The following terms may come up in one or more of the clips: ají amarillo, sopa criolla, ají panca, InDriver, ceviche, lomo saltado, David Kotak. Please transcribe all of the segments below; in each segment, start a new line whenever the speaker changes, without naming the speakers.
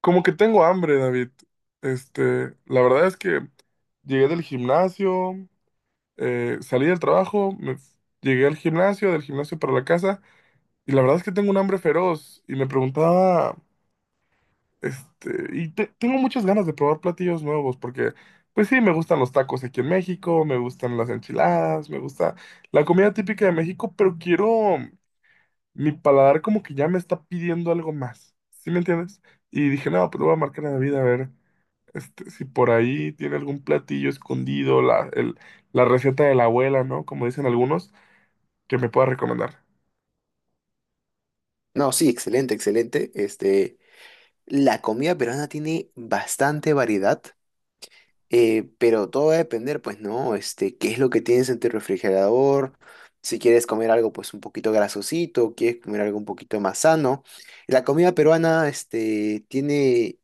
Como que tengo hambre, David. La verdad es que llegué del gimnasio, salí del trabajo, llegué al gimnasio, del gimnasio para la casa, y la verdad es que tengo un hambre feroz. Y me preguntaba, tengo muchas ganas de probar platillos nuevos, porque, pues sí, me gustan los tacos aquí en México, me gustan las enchiladas, me gusta la comida típica de México, pero quiero, mi paladar como que ya me está pidiendo algo más. ¿Sí me entiendes? Y dije, no, pues le voy a marcar a David a ver. Este, si por ahí tiene algún platillo escondido, la receta de la abuela, ¿no? Como dicen algunos, que me pueda recomendar.
No, sí, excelente, excelente. La comida peruana tiene bastante variedad, pero todo va a depender, pues, ¿no? Qué es lo que tienes en tu refrigerador, si quieres comer algo, pues, un poquito grasosito, quieres comer algo un poquito más sano. La comida peruana, tiene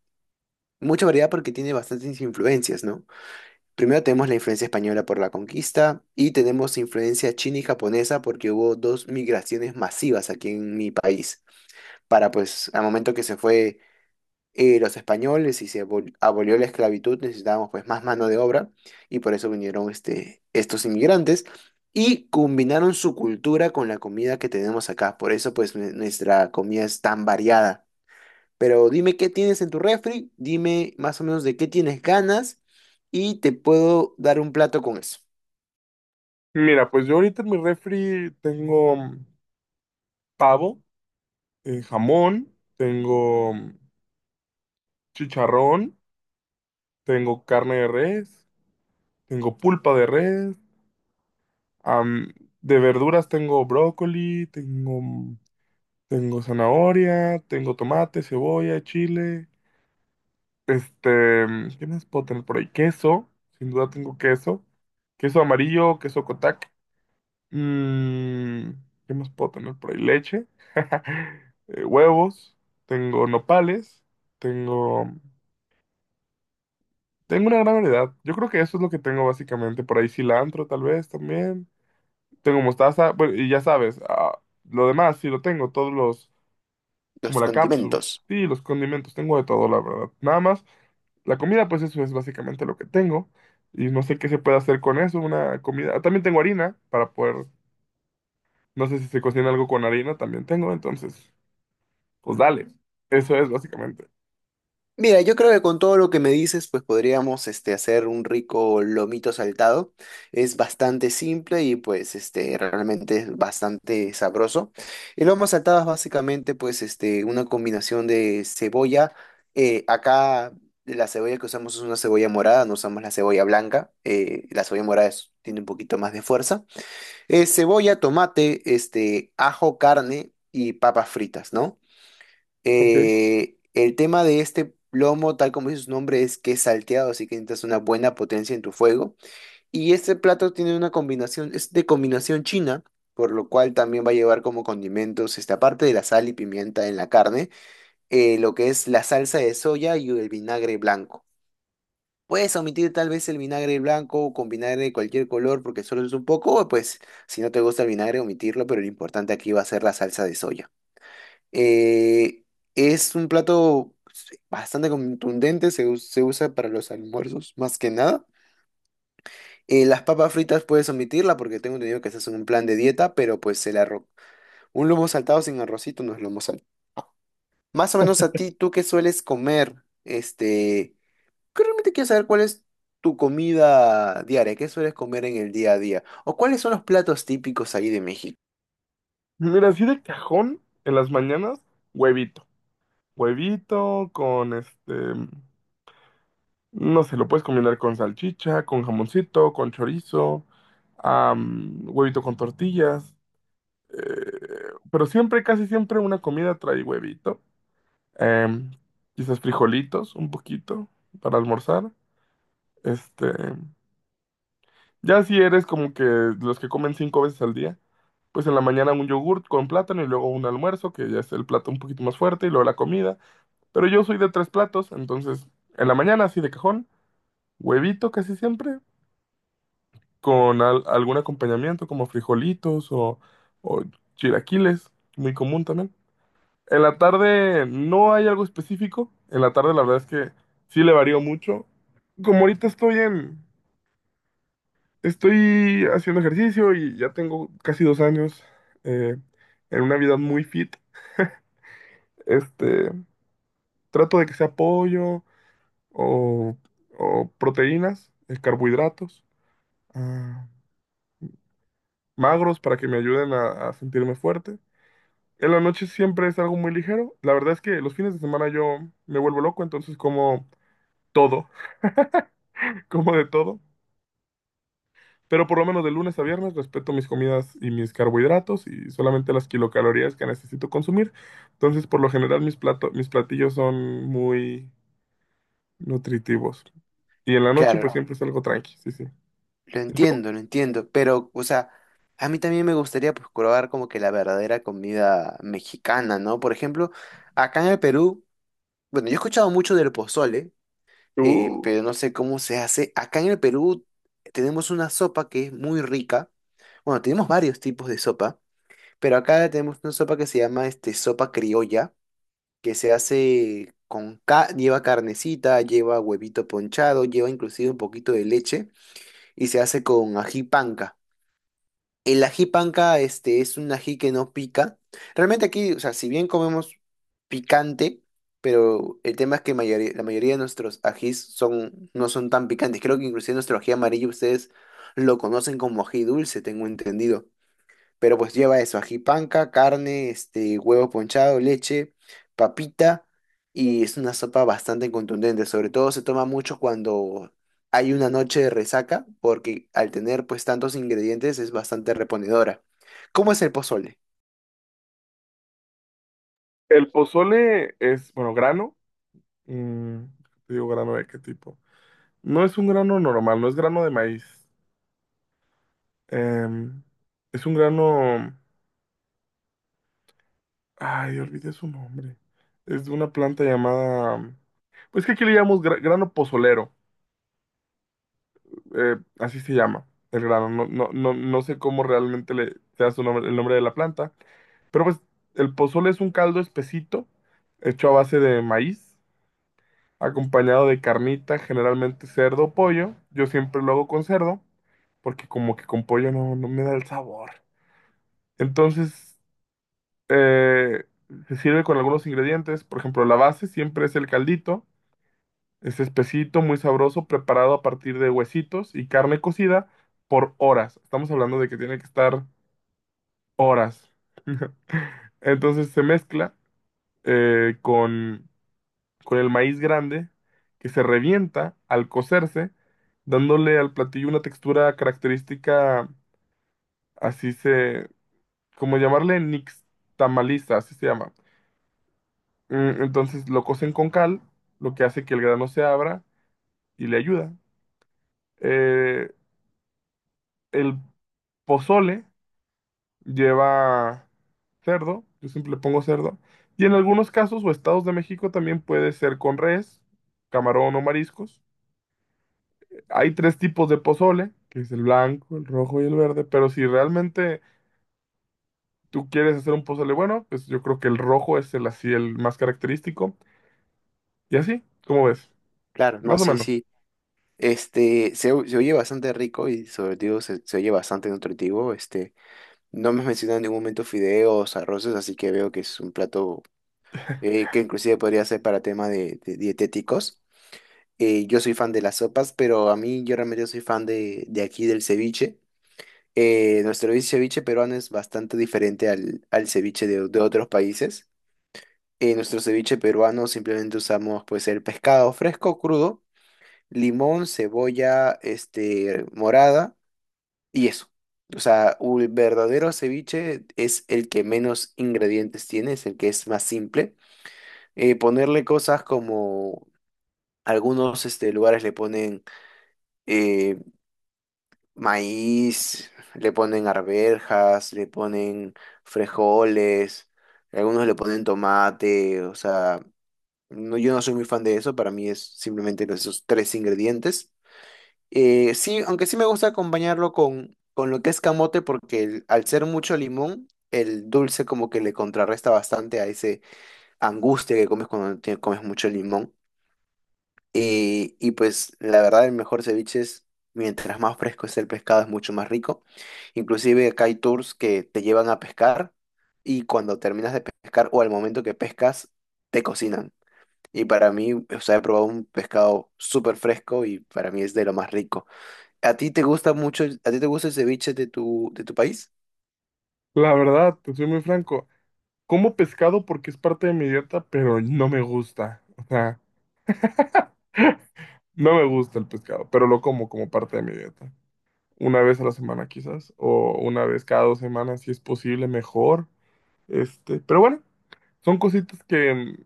mucha variedad porque tiene bastantes influencias, ¿no? Primero tenemos la influencia española por la conquista y tenemos influencia china y japonesa porque hubo dos migraciones masivas aquí en mi país. Para pues, al momento que se fue los españoles y se abolió la esclavitud, necesitábamos pues más mano de obra y por eso vinieron estos inmigrantes y combinaron su cultura con la comida que tenemos acá. Por eso pues nuestra comida es tan variada. Pero dime qué tienes en tu refri, dime más o menos de qué tienes ganas y te puedo dar un plato con eso,
Mira, pues yo ahorita en mi refri tengo pavo, jamón, tengo chicharrón, tengo carne de res, tengo pulpa de res, am, de verduras tengo brócoli, tengo zanahoria, tengo tomate, cebolla, chile. ¿Qué más puedo tener por ahí? Queso, sin duda tengo queso. Queso amarillo, queso Kotak. Mm, ¿Qué más puedo tener por ahí? Leche, huevos, tengo nopales, tengo, mm, tengo una gran variedad. Yo creo que eso es lo que tengo básicamente. Por ahí cilantro, tal vez también. Tengo mostaza, bueno, y ya sabes, lo demás sí lo tengo, todos los, como
los
la cápsula
condimentos.
y los condimentos. Tengo de todo, la verdad. Nada más, la comida, pues eso es básicamente lo que tengo. Y no sé qué se puede hacer con eso, una comida. Ah, también tengo harina para poder, no sé si se cocina algo con harina, también tengo. Entonces, pues dale. Eso es básicamente.
Mira, yo creo que con todo lo que me dices, pues podríamos hacer un rico lomito saltado. Es bastante simple y pues realmente es bastante sabroso. El lomo saltado es básicamente pues una combinación de cebolla. Acá la cebolla que usamos es una cebolla morada, no usamos la cebolla blanca. La cebolla morada tiene un poquito más de fuerza. Cebolla, tomate, ajo, carne y papas fritas, ¿no?
Ok.
El tema de este plomo, tal como dice su nombre, es que es salteado, así que necesitas una buena potencia en tu fuego. Y este plato tiene una combinación, es de combinación china, por lo cual también va a llevar como condimentos, esta parte de la sal y pimienta en la carne, lo que es la salsa de soya y el vinagre blanco. Puedes omitir tal vez el vinagre blanco o con vinagre de cualquier color porque solo es un poco, o pues si no te gusta el vinagre, omitirlo, pero lo importante aquí va a ser la salsa de soya. Eh, es un plato bastante contundente, se usa para los almuerzos más que nada. Las papas fritas puedes omitirla porque tengo entendido que estás en un plan de dieta, pero pues el arroz. Un lomo saltado sin arrocito no es lomo saltado. Más o menos a ti, ¿tú qué sueles comer? Que realmente quiero saber cuál es tu comida diaria, qué sueles comer en el día a día, o cuáles son los platos típicos ahí de México.
Mira, así de cajón en las mañanas, huevito. Huevito con no sé, lo puedes combinar con salchicha, con jamoncito, con chorizo, huevito con tortillas. Pero siempre, casi siempre una comida trae huevito. Em, quizás frijolitos, un poquito, para almorzar. Este, ya si eres como que los que comen 5 veces al día, pues en la mañana un yogurt con plátano y luego un almuerzo, que ya es el plato un poquito más fuerte, y luego la comida. Pero yo soy de tres platos, entonces en la mañana así de cajón, huevito casi siempre, con algún acompañamiento como frijolitos o chilaquiles, muy común también. En la tarde no hay algo específico. En la tarde la verdad es que sí le varío mucho. Como ahorita estoy en, estoy haciendo ejercicio y ya tengo casi 2 años eh, en una vida muy fit. Este, trato de que sea pollo o, o proteínas, carbohidratos, ah, magros para que me ayuden a sentirme fuerte. En la noche siempre es algo muy ligero. La verdad es que los fines de semana yo me vuelvo loco, entonces como todo, como de todo. Pero por lo menos de lunes a viernes respeto mis comidas y mis carbohidratos y solamente las kilocalorías que necesito consumir. Entonces, por lo general, mis platillos son muy nutritivos. Y en la noche,
Claro,
pues siempre es algo tranqui, sí, sí.
lo
¿Y tú?
entiendo, lo entiendo, pero, o sea, a mí también me gustaría pues probar como que la verdadera comida mexicana, ¿no? Por ejemplo, acá en el Perú, bueno, yo he escuchado mucho del pozole,
Tú,
pero no sé cómo se hace. Acá en el Perú tenemos una sopa que es muy rica. Bueno, tenemos varios tipos de sopa, pero acá tenemos una sopa que se llama sopa criolla, que se hace con, lleva carnecita, lleva huevito ponchado, lleva inclusive un poquito de leche y se hace con ají panca. El ají panca, es un ají que no pica. Realmente aquí, o sea, si bien comemos picante, pero el tema es que la mayoría de nuestros ajís son, no son tan picantes. Creo que inclusive nuestro ají amarillo ustedes lo conocen como ají dulce, tengo entendido. Pero pues lleva eso, ají panca carne, huevo ponchado, leche, papita, y es una sopa bastante contundente. Sobre todo se toma mucho cuando hay una noche de resaca, porque al tener pues tantos ingredientes es bastante reponedora. ¿Cómo es el pozole?
el pozole es, bueno, grano. mm, te digo, grano de qué tipo. No es un grano normal, no es grano de maíz. Em, es un grano. Ay, olvidé su nombre. Es de una planta llamada. Pues que aquí le llamamos grano pozolero. Eh, así se llama el grano. No sé cómo realmente le sea su nombre, el nombre de la planta. Pero pues el pozole es un caldo espesito hecho a base de maíz, acompañado de carnita, generalmente cerdo o pollo. Yo siempre lo hago con cerdo, porque como que con pollo no, no me da el sabor. Entonces Eh, se sirve con algunos ingredientes, por ejemplo, la base siempre es el caldito, es espesito, muy sabroso, preparado a partir de huesitos y carne cocida por horas. Estamos hablando de que tiene que estar horas. Entonces se mezcla eh, con, con el maíz grande que se revienta al cocerse, dándole al platillo una textura característica, así se, como llamarle nixtamaliza, así se llama. Mm, entonces lo cocen con cal, lo que hace que el grano se abra y le ayuda. Eh, el pozole lleva cerdo, yo siempre le pongo cerdo, y en algunos casos o estados de México también puede ser con res, camarón o mariscos. Hay tres tipos de pozole, que es el blanco, el rojo y el verde, pero si realmente tú quieres hacer un pozole bueno, pues yo creo que el rojo es el así el más característico, y así, ¿cómo ves?
Claro, no,
Más o
sí,
menos.
sí. Se, se oye bastante rico y sobre todo se, se oye bastante nutritivo. No me has mencionado en ningún momento fideos, arroces, así que veo que es un plato que inclusive podría ser para tema de dietéticos. Yo soy fan de las sopas, pero a mí yo realmente soy fan de aquí del ceviche. Nuestro ceviche peruano es bastante diferente al, al ceviche de otros países. En nuestro ceviche peruano simplemente usamos pues el pescado fresco, crudo, limón, cebolla, morada y eso. O sea, un verdadero ceviche es el que menos ingredientes tiene, es el que es más simple. Ponerle cosas como algunos lugares le ponen eh, maíz, le ponen arvejas, le ponen frijoles, algunos le ponen tomate, o sea, no, yo no soy muy fan de eso, para mí es simplemente esos tres ingredientes. Sí, aunque sí me gusta acompañarlo con lo que es camote, porque al ser mucho limón, el dulce como que le contrarresta bastante a ese angustia que comes cuando comes mucho limón. Y pues la verdad el mejor ceviche es, mientras más fresco es el pescado, es mucho más rico. Inclusive acá hay tours que te llevan a pescar y cuando terminas de pescar o al momento que pescas, te cocinan. Y para mí, o sea, he probado un pescado súper fresco y para mí es de lo más rico. ¿A ti te gusta mucho, a ti te gusta el ceviche de tu país?
La verdad, te soy muy franco. Como pescado porque es parte de mi dieta, pero no me gusta. O sea, no me gusta el pescado, pero lo como como parte de mi dieta. Una vez a la semana quizás, o una vez cada 2 semanas si es posible, mejor. Este, pero bueno, son cositas que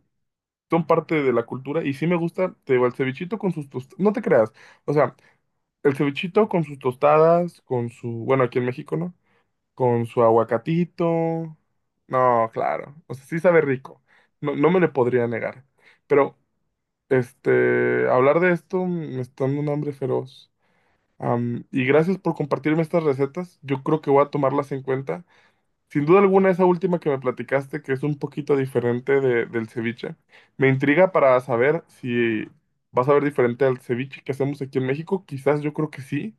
son parte de la cultura y sí me gusta, te digo, el cevichito con sus tostadas, no te creas. O sea, el cevichito con sus tostadas, con su, bueno, aquí en México, ¿no? Con su aguacatito. No, claro. O sea, sí sabe rico. No, no me le podría negar. Pero este, hablar de esto me está dando un hambre feroz. Am, y gracias por compartirme estas recetas. Yo creo que voy a tomarlas en cuenta. Sin duda alguna, esa última que me platicaste, que es un poquito diferente del ceviche, me intriga para saber si vas a ver diferente al ceviche que hacemos aquí en México. Quizás yo creo que sí,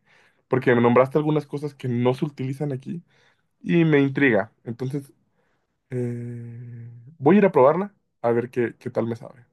porque me nombraste algunas cosas que no se utilizan aquí y me intriga. Entonces, eh, voy a ir a probarla a ver qué, qué tal me sabe.